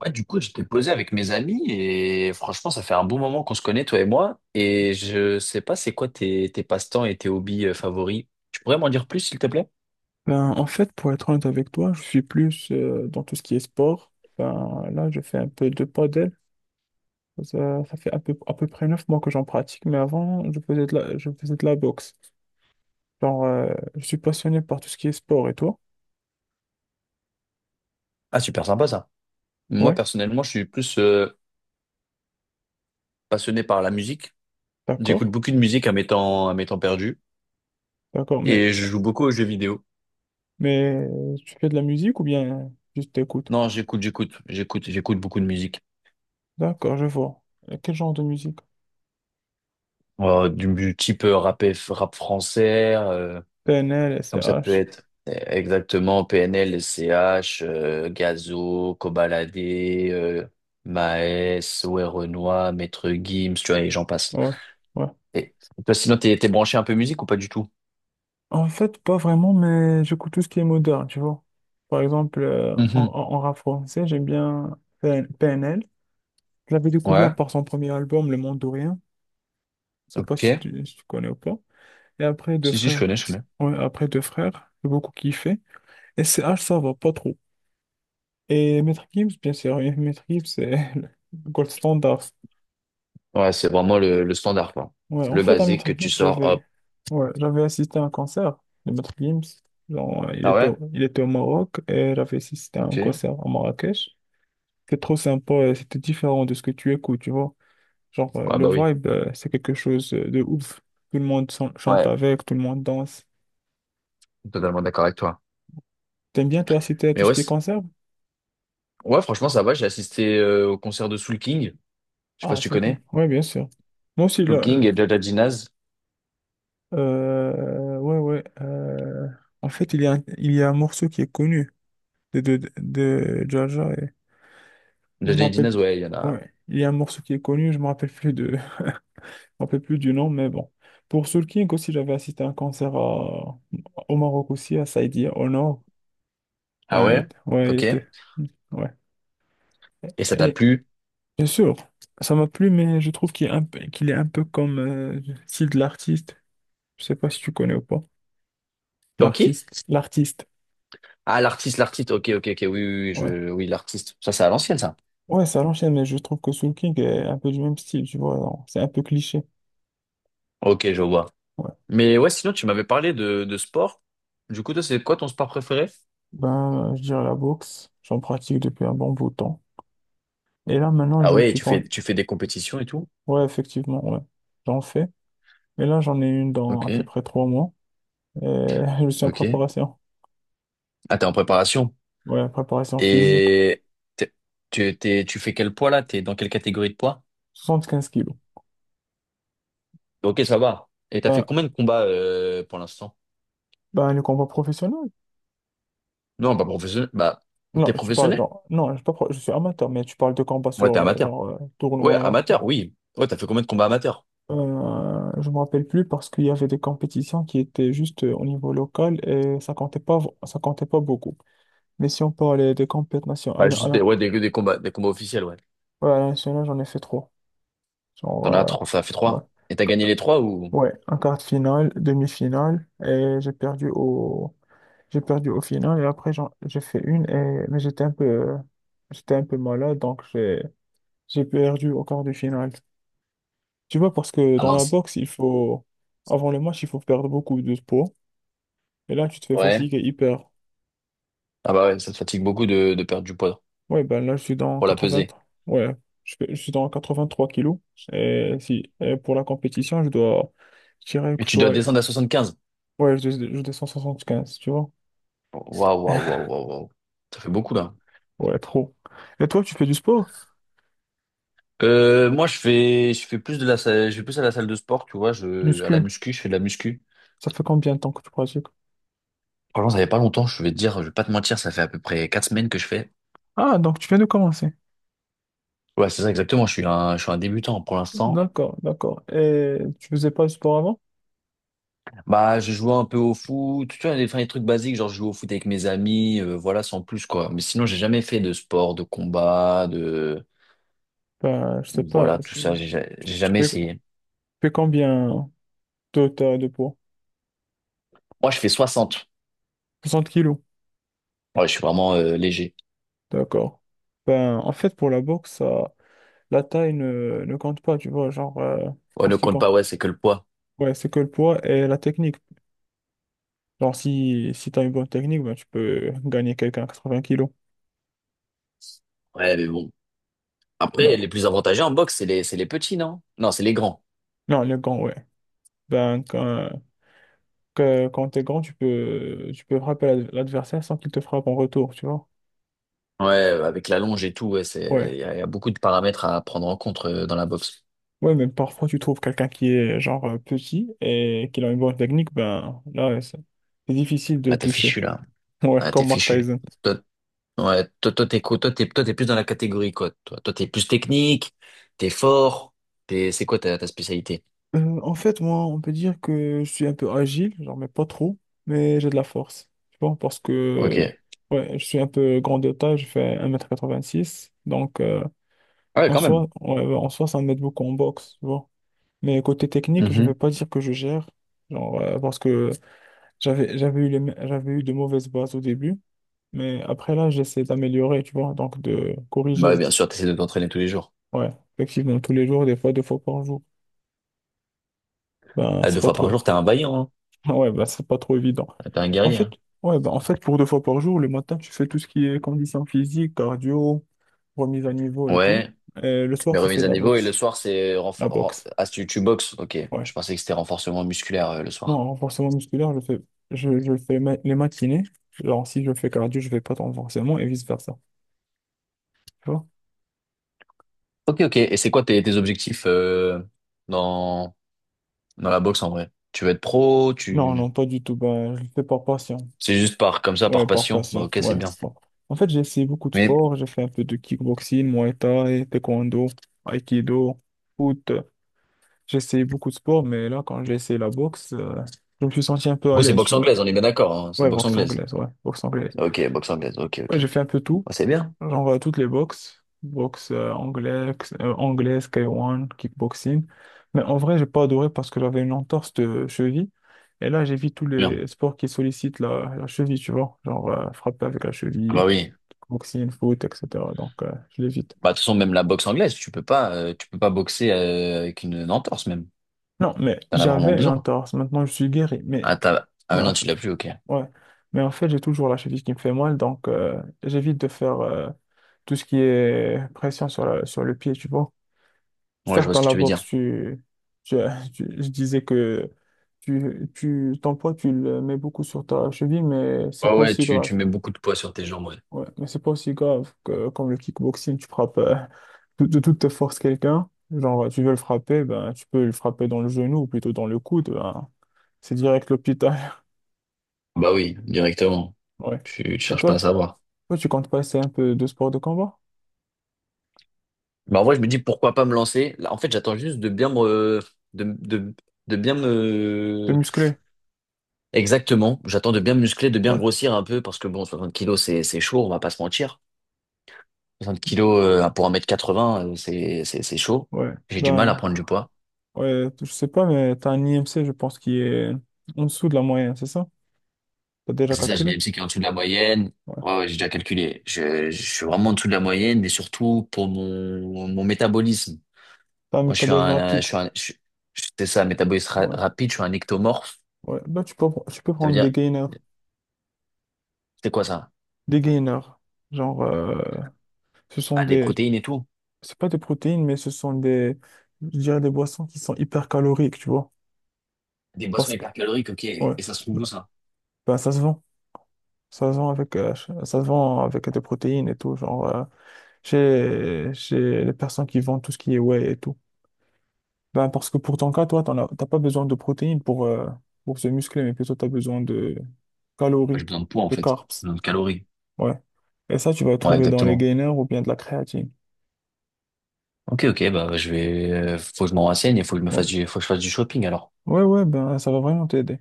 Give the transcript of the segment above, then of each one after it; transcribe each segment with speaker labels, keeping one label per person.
Speaker 1: Ouais, du coup, j'étais posé avec mes amis et franchement, ça fait un bon moment qu'on se connaît, toi et moi. Et je sais pas, c'est quoi tes passe-temps et tes hobbies favoris? Tu pourrais m'en dire plus, s'il te plaît?
Speaker 2: Ben, en fait, pour être honnête avec toi, je suis plus dans tout ce qui est sport. Ben, là, je fais un peu de paddle. Ça fait à peu près 9 mois que j'en pratique, mais avant, je faisais de la boxe. Genre, je suis passionné par tout ce qui est sport et toi?
Speaker 1: Ah, super sympa ça. Moi,
Speaker 2: Ouais,
Speaker 1: personnellement, je suis plus passionné par la musique. J'écoute
Speaker 2: d'accord,
Speaker 1: beaucoup de musique à mes temps perdus
Speaker 2: d'accord. Mais,
Speaker 1: et je joue beaucoup aux jeux vidéo.
Speaker 2: mais euh, tu fais de la musique ou bien juste t'écoutes?
Speaker 1: Non, j'écoute beaucoup de musique.
Speaker 2: D'accord, je vois. Et quel genre de musique?
Speaker 1: Du type rap, rap français,
Speaker 2: PNL,
Speaker 1: comme ça peut
Speaker 2: SCH.
Speaker 1: être, exactement PNL, LCH, Gazo, Kobalade, Maes, ouais, Renoir, Maître Gims, tu vois, et j'en passe.
Speaker 2: Ouais, ouais.
Speaker 1: Et toi, sinon, t'es branché un peu musique ou pas du tout?
Speaker 2: En fait, pas vraiment, mais j'écoute tout ce qui est moderne, tu vois. Par exemple, en,
Speaker 1: Mhm.
Speaker 2: en, en rap français, j'aime bien PNL. Je l'avais découvert
Speaker 1: Ouais,
Speaker 2: par son premier album, Le Monde de Rien. Je sais pas si
Speaker 1: ok.
Speaker 2: tu, si tu connais ou pas. Et après, Deux
Speaker 1: Si, si, je
Speaker 2: Frères.
Speaker 1: connais, je connais.
Speaker 2: Ouais, après Deux Frères, j'ai beaucoup kiffé. Et C H ça va pas trop. Et Maître Gims, bien sûr, et Maître Gims, c'est le gold standard.
Speaker 1: Ouais, c'est vraiment le standard, quoi.
Speaker 2: Ouais, en
Speaker 1: Le
Speaker 2: fait, à
Speaker 1: basique
Speaker 2: Maître
Speaker 1: que
Speaker 2: Gims,
Speaker 1: tu sors,
Speaker 2: j'avais,
Speaker 1: hop.
Speaker 2: Ouais, j'avais assisté à un concert de Maître Gims. Genre, il
Speaker 1: Ah
Speaker 2: était
Speaker 1: ouais?
Speaker 2: au, il était au Maroc et j'avais assisté à
Speaker 1: Ok.
Speaker 2: un
Speaker 1: Ouais,
Speaker 2: concert à Marrakech. C'était trop sympa et c'était différent de ce que tu écoutes, tu vois. Genre, le
Speaker 1: bah oui.
Speaker 2: vibe, c'est quelque chose de ouf. Tout le monde chante
Speaker 1: Ouais,
Speaker 2: avec, tout le monde danse.
Speaker 1: totalement d'accord avec toi.
Speaker 2: T'aimes bien, toi, citer
Speaker 1: Mais
Speaker 2: tout ce
Speaker 1: ouais,
Speaker 2: qui est concert?
Speaker 1: ouais, franchement, ça va. J'ai assisté au concert de Soul King. Je sais pas
Speaker 2: Ah,
Speaker 1: si tu
Speaker 2: c'est ok.
Speaker 1: connais.
Speaker 2: Ouais, bien sûr. Moi aussi,
Speaker 1: Soul
Speaker 2: là,
Speaker 1: King et Jaja Ginaz.
Speaker 2: ouais, ouais. En fait, il y a un morceau qui est connu de Jaja. Je
Speaker 1: The
Speaker 2: me
Speaker 1: J.D.
Speaker 2: rappelle
Speaker 1: Dinas,
Speaker 2: plus.
Speaker 1: ouais, il y en a.
Speaker 2: Ouais, il y a un morceau qui est connu, je me rappelle plus de, je me rappelle plus du nom, mais bon. Pour Soul King aussi, j'avais assisté à un concert au Maroc aussi, à Saïdia, au nord.
Speaker 1: Ah
Speaker 2: Ben,
Speaker 1: ouais?
Speaker 2: ouais, il
Speaker 1: Ok.
Speaker 2: était, ouais.
Speaker 1: Et ça t'a
Speaker 2: Et
Speaker 1: plu?
Speaker 2: bien sûr, ça m'a plu, mais je trouve qu'il est un peu, qu'il est un peu comme le style de l'artiste. Je sais pas si tu connais ou pas.
Speaker 1: Comme qui?
Speaker 2: L'artiste, l'artiste.
Speaker 1: Ah, l'artiste, l'artiste. Ok, ok, ok. Oui, oui, oui,
Speaker 2: Ouais.
Speaker 1: oui, l'artiste. Ça, c'est à l'ancienne, ça.
Speaker 2: Ouais, ça l'enchaîne, mais je trouve que Soul King est un peu du même style, tu vois. Genre, c'est un peu cliché.
Speaker 1: Ok, je vois.
Speaker 2: Ouais.
Speaker 1: Mais ouais, sinon, tu m'avais parlé de sport. Du coup, toi, c'est quoi ton sport préféré?
Speaker 2: Ben, je dirais la boxe. J'en pratique depuis un bon bout de temps. Et là, maintenant,
Speaker 1: Ah
Speaker 2: je me
Speaker 1: ouais,
Speaker 2: suis
Speaker 1: tu
Speaker 2: pas.
Speaker 1: fais, tu fais des compétitions et tout?
Speaker 2: Ouais, effectivement, ouais. J'en fais. Mais là, j'en ai une dans
Speaker 1: Ok,
Speaker 2: à peu près 3 mois. Et je suis en
Speaker 1: ok.
Speaker 2: préparation.
Speaker 1: Ah, t'es en préparation.
Speaker 2: Ouais, préparation physique.
Speaker 1: Et t'es- tu fais quel poids là? T'es dans quelle catégorie de poids?
Speaker 2: 75 kilos.
Speaker 1: Ok, ça va. Et t'as
Speaker 2: Ben,
Speaker 1: fait combien de combats pour l'instant?
Speaker 2: ben, le combat professionnel?
Speaker 1: Non, pas professionnel. Bah,
Speaker 2: Non,
Speaker 1: t'es
Speaker 2: tu parles,
Speaker 1: professionnel?
Speaker 2: non, je suis pas pro- je suis amateur, mais tu parles de combat
Speaker 1: Ouais, t'es
Speaker 2: sur,
Speaker 1: amateur.
Speaker 2: genre,
Speaker 1: Ouais,
Speaker 2: tournoi.
Speaker 1: amateur, oui. Ouais, t'as fait combien de combats amateurs?
Speaker 2: Je me rappelle plus parce qu'il y avait des compétitions qui étaient juste au niveau local et ça comptait pas, ça comptait pas beaucoup. Mais si on parlait des compétitions
Speaker 1: Bah,
Speaker 2: nationales,
Speaker 1: juste ouais, des combats officiels, ouais.
Speaker 2: ouais, à la nationale, j'en ai fait trois. Genre,
Speaker 1: T'en as trois, ça fait
Speaker 2: ouais.
Speaker 1: trois. Et t'as gagné les trois ou?
Speaker 2: Ouais, en quart de finale, demi-finale, et j'ai perdu au final, et après, j'ai fait une, et, mais j'étais un peu malade, donc j'ai perdu au quart de finale. Tu vois, parce que
Speaker 1: Ah
Speaker 2: dans la
Speaker 1: mince.
Speaker 2: boxe, il faut, avant le match, il faut perdre beaucoup de poids, et là, tu te fais
Speaker 1: Ouais.
Speaker 2: fatiguer hyper.
Speaker 1: Ah bah ouais, ça te fatigue beaucoup de perdre du poids
Speaker 2: Ouais, ben là, je suis dans
Speaker 1: pour la
Speaker 2: 80,
Speaker 1: peser.
Speaker 2: ouais, je suis dans 83 kilos, et si, et pour la compétition, je dois, je dirais que
Speaker 1: Et
Speaker 2: je
Speaker 1: tu dois
Speaker 2: dois,
Speaker 1: descendre à 75.
Speaker 2: ouais, je descends 75, tu vois.
Speaker 1: Waouh, waouh, waouh, waouh, waouh. Ça fait beaucoup, là.
Speaker 2: Ouais, trop. Et toi, tu fais du sport?
Speaker 1: Moi, je fais plus de la salle, je vais plus à la salle de sport, tu vois, à la
Speaker 2: Muscu.
Speaker 1: muscu, je fais de la muscu.
Speaker 2: Ça fait combien de temps que tu pratiques?
Speaker 1: Franchement, ça fait pas longtemps, je vais te dire, je vais pas te mentir, ça fait à peu près 4 semaines que je fais.
Speaker 2: Ah, donc tu viens de commencer.
Speaker 1: Ouais, c'est ça, exactement, je suis un débutant pour l'instant.
Speaker 2: D'accord, d'accord. Et tu faisais pas du sport avant?
Speaker 1: Bah, je jouais un peu au foot, tu vois, des, enfin, des trucs basiques, genre je joue au foot avec mes amis, voilà, sans plus, quoi. Mais sinon, j'ai jamais fait de sport, de combat, de.
Speaker 2: Ben, je sais pas.
Speaker 1: Voilà, tout ça,
Speaker 2: Tu
Speaker 1: j'ai
Speaker 2: tu
Speaker 1: jamais
Speaker 2: fais, tu
Speaker 1: essayé.
Speaker 2: fais combien de poids?
Speaker 1: Moi, je fais soixante.
Speaker 2: 60 kilos.
Speaker 1: Ouais, je suis vraiment léger.
Speaker 2: D'accord. Ben, en fait, pour la boxe, ça, la taille ne compte pas, tu vois, genre,
Speaker 1: Ouais,
Speaker 2: en
Speaker 1: ne
Speaker 2: ce qui
Speaker 1: compte pas,
Speaker 2: compte.
Speaker 1: ouais, c'est que le poids.
Speaker 2: Ouais, c'est que le poids et la technique. Genre, si t'as une bonne technique, ben, tu peux gagner quelqu'un à 20 kilos.
Speaker 1: Ouais, mais bon. Après,
Speaker 2: Ben,
Speaker 1: les plus avantagés en boxe, c'est les petits, non? Non, c'est les grands.
Speaker 2: non, les gants, ouais. Ben, que quand t'es grand, tu peux frapper l'adversaire sans qu'il te frappe en retour, tu vois.
Speaker 1: Ouais, avec la longe et tout, ouais, c'est,
Speaker 2: Ouais.
Speaker 1: il y, a y a beaucoup de paramètres à prendre en compte dans la boxe.
Speaker 2: Ouais, mais parfois tu trouves quelqu'un qui est genre petit et qui a une bonne technique, ben là, ouais, c'est difficile de
Speaker 1: Là,
Speaker 2: le
Speaker 1: t'es fichu,
Speaker 2: toucher.
Speaker 1: là.
Speaker 2: Ouais,
Speaker 1: Là, t'es
Speaker 2: comme Mark
Speaker 1: fichu.
Speaker 2: Tyson.
Speaker 1: Toi, Ouais, toi, toi, t'es, quoi toi, t'es plus dans la catégorie quoi, toi? Toi, t'es plus technique, t'es fort, c'est quoi ta spécialité?
Speaker 2: En fait, moi, on peut dire que je suis un peu agile, genre, mais pas trop, mais j'ai de la force. Tu vois, parce que,
Speaker 1: Ok.
Speaker 2: ouais, je suis un peu grand de taille, je fais 1,86 m donc
Speaker 1: Ah ouais,
Speaker 2: en
Speaker 1: quand même.
Speaker 2: soi, ouais, en soi, ça m'aide beaucoup en boxe, tu vois. Mais côté technique, je
Speaker 1: Mhm.
Speaker 2: vais pas dire que je gère, genre, parce que j'avais eu de mauvaises bases au début, mais après là, j'essaie d'améliorer, tu vois, donc de corriger.
Speaker 1: Bah, bien sûr, t'essaies de t'entraîner tous les jours.
Speaker 2: Ouais, effectivement, tous les jours, des fois, deux fois par jour. Ben,
Speaker 1: Ah,
Speaker 2: c'est
Speaker 1: deux
Speaker 2: pas
Speaker 1: fois
Speaker 2: trop.
Speaker 1: par jour, t'es un vaillant, hein.
Speaker 2: Ouais, ben, c'est pas trop évident.
Speaker 1: Ah, t'es un
Speaker 2: En
Speaker 1: guerrier,
Speaker 2: fait,
Speaker 1: hein.
Speaker 2: ouais, ben, en fait, pour deux fois par jour, le matin, tu fais tout ce qui est condition physique cardio, remise à niveau et tout.
Speaker 1: Ouais,
Speaker 2: Et le soir,
Speaker 1: mais
Speaker 2: tu fais
Speaker 1: remises
Speaker 2: de
Speaker 1: à
Speaker 2: la
Speaker 1: niveau et le
Speaker 2: boxe.
Speaker 1: soir, c'est
Speaker 2: La boxe.
Speaker 1: ah, tu boxes, ok.
Speaker 2: Ouais.
Speaker 1: Je pensais que c'était renforcement musculaire le
Speaker 2: Non, un
Speaker 1: soir.
Speaker 2: renforcement musculaire, je le fais les matinées. Alors, si je fais cardio, je fais pas de renforcement et vice-versa. Tu vois?
Speaker 1: Ok, ok. Et c'est quoi tes objectifs dans, dans la boxe en vrai? Tu veux être pro,
Speaker 2: Non,
Speaker 1: tu.
Speaker 2: non, pas du tout. Ben, je le fais par passion.
Speaker 1: C'est juste comme ça,
Speaker 2: Ouais,
Speaker 1: par
Speaker 2: par
Speaker 1: passion. Bah,
Speaker 2: passion.
Speaker 1: ok, c'est
Speaker 2: Ouais.
Speaker 1: bien.
Speaker 2: Bon. En fait, j'ai essayé beaucoup de
Speaker 1: Mais.
Speaker 2: sports. J'ai fait un peu de kickboxing, Muay Thai, taekwondo, aikido, foot. J'ai essayé beaucoup de sports, mais là, quand j'ai essayé la boxe, je me suis senti un peu
Speaker 1: Du
Speaker 2: à
Speaker 1: coup, c'est
Speaker 2: l'aise,
Speaker 1: boxe
Speaker 2: tu vois.
Speaker 1: anglaise, on est bien d'accord, hein, c'est
Speaker 2: Ouais,
Speaker 1: boxe
Speaker 2: boxe
Speaker 1: anglaise.
Speaker 2: anglaise, ouais, boxe anglaise.
Speaker 1: Ok, boxe anglaise. Ok,
Speaker 2: Ouais,
Speaker 1: ok,
Speaker 2: j'ai fait
Speaker 1: ok.
Speaker 2: un peu tout.
Speaker 1: Bah, c'est bien.
Speaker 2: Genre toutes les boxes, boxe anglais, K1, kickboxing. Mais en vrai, j'ai pas adoré parce que j'avais une entorse de cheville. Et là, j'évite tous les
Speaker 1: Bien.
Speaker 2: sports qui sollicitent la cheville, tu vois. Genre frapper avec la
Speaker 1: Ah bah
Speaker 2: cheville,
Speaker 1: oui.
Speaker 2: boxing foot, etc. Donc, je l'évite.
Speaker 1: Bah, de toute façon, même la boxe anglaise, tu peux pas boxer avec une entorse même.
Speaker 2: Non, mais
Speaker 1: T'en as vraiment
Speaker 2: j'avais une
Speaker 1: besoin.
Speaker 2: entorse. Maintenant, je suis guéri. Mais,
Speaker 1: Ah, t'as...
Speaker 2: mais
Speaker 1: ah
Speaker 2: en
Speaker 1: non,
Speaker 2: fait
Speaker 1: tu l'as plus, ok.
Speaker 2: ouais. Mais en fait, j'ai toujours la cheville qui me fait mal. Donc, j'évite de faire tout ce qui est pression sur le pied, tu vois.
Speaker 1: Ouais, je
Speaker 2: Certes,
Speaker 1: vois
Speaker 2: dans
Speaker 1: ce que
Speaker 2: la
Speaker 1: tu veux
Speaker 2: boxe,
Speaker 1: dire.
Speaker 2: tu- je disais que ton poids, tu le mets beaucoup sur ta cheville, mais
Speaker 1: Ouais,
Speaker 2: c'est pas
Speaker 1: ouais,
Speaker 2: aussi
Speaker 1: tu
Speaker 2: grave.
Speaker 1: mets beaucoup de poids sur tes jambes, ouais.
Speaker 2: Ouais, mais c'est pas aussi grave que comme le kickboxing, tu frappes de toute force quelqu'un. Genre, tu veux le frapper, ben, tu peux le frapper dans le genou ou plutôt dans le coude. Ben, c'est direct l'hôpital.
Speaker 1: Bah oui, directement.
Speaker 2: Ouais.
Speaker 1: Tu
Speaker 2: Et
Speaker 1: cherches
Speaker 2: toi,
Speaker 1: pas à savoir.
Speaker 2: toi, tu comptes passer un peu de sport de combat?
Speaker 1: Bah en vrai, je me dis pourquoi pas me lancer. Là, en fait, j'attends juste de, de, de bien
Speaker 2: De
Speaker 1: me,
Speaker 2: musclé?
Speaker 1: Exactement. J'attends de bien me muscler, de bien
Speaker 2: Ouais.
Speaker 1: grossir un peu parce que bon, 60 kilos, c'est chaud, on va pas se mentir. 60 kilos pour 1,80 m, c'est chaud.
Speaker 2: Ouais.
Speaker 1: J'ai du mal à
Speaker 2: Ben.
Speaker 1: prendre du poids.
Speaker 2: Ouais, je sais pas, mais t'as un IMC, je pense, qui est en dessous de la moyenne, c'est ça? T'as déjà
Speaker 1: C'est ça, j'ai
Speaker 2: calculé?
Speaker 1: des MC qui est en dessous de la moyenne.
Speaker 2: Ouais.
Speaker 1: Ouais, ouais, j'ai déjà calculé. Je suis vraiment en dessous de la moyenne, mais surtout pour mon métabolisme.
Speaker 2: T'as un
Speaker 1: Moi, je suis
Speaker 2: métabolisme
Speaker 1: un, je
Speaker 2: rapide.
Speaker 1: suis un, je- c'est ça, métabolisme
Speaker 2: Ouais.
Speaker 1: rapide, je suis un ectomorphe.
Speaker 2: Ouais. Bah, tu peux
Speaker 1: Ça veut
Speaker 2: prendre des
Speaker 1: dire,
Speaker 2: gainers.
Speaker 1: c'est quoi ça?
Speaker 2: Des gainers. Genre, ce sont
Speaker 1: Ah, des
Speaker 2: des.
Speaker 1: protéines et tout.
Speaker 2: C'est pas des protéines, mais ce sont des. Je dirais des boissons qui sont hyper caloriques, tu vois.
Speaker 1: Des boissons
Speaker 2: Parce que.
Speaker 1: hypercaloriques, ok. Et
Speaker 2: Ouais.
Speaker 1: ça se trouve où
Speaker 2: Bah,
Speaker 1: ça?
Speaker 2: bah, ça se vend. Ça se vend avec, ça se vend avec des protéines et tout. Genre, chez les personnes qui vendent tout ce qui est whey et tout. Ben, parce que pour ton cas, toi, t'as pas besoin de protéines pour se muscler, mais plutôt tu as besoin de
Speaker 1: Bah,
Speaker 2: calories,
Speaker 1: j'ai besoin de poids, en
Speaker 2: de
Speaker 1: fait. J'ai
Speaker 2: carbs.
Speaker 1: besoin de calories.
Speaker 2: Ouais. Et ça, tu vas
Speaker 1: Ouais,
Speaker 2: trouver dans les
Speaker 1: exactement.
Speaker 2: gainers ou bien de la créatine.
Speaker 1: Ok, ok, bah, faut que je m'en renseigne et faut que je me
Speaker 2: Ouais.
Speaker 1: fasse faut que je fasse du shopping alors.
Speaker 2: Ouais, ouais, ben, ça va vraiment t'aider.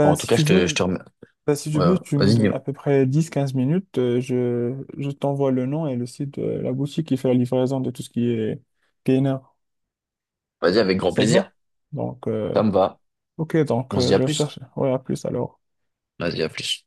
Speaker 1: Bon, en tout
Speaker 2: si
Speaker 1: cas,
Speaker 2: tu
Speaker 1: je
Speaker 2: veux,
Speaker 1: te, je te remets. Ouais,
Speaker 2: tu me
Speaker 1: vas-y,
Speaker 2: donnes à peu près 10-15 minutes. Je t'envoie le nom et le site de la boutique qui fait la livraison de tout ce qui est gainer.
Speaker 1: vas-y avec grand
Speaker 2: Ça te va?
Speaker 1: plaisir.
Speaker 2: Donc,
Speaker 1: Ça me va.
Speaker 2: ok, donc,
Speaker 1: On se dit à
Speaker 2: je
Speaker 1: plus.
Speaker 2: cherche. Ouais, à plus alors.
Speaker 1: Vas-y, à plus.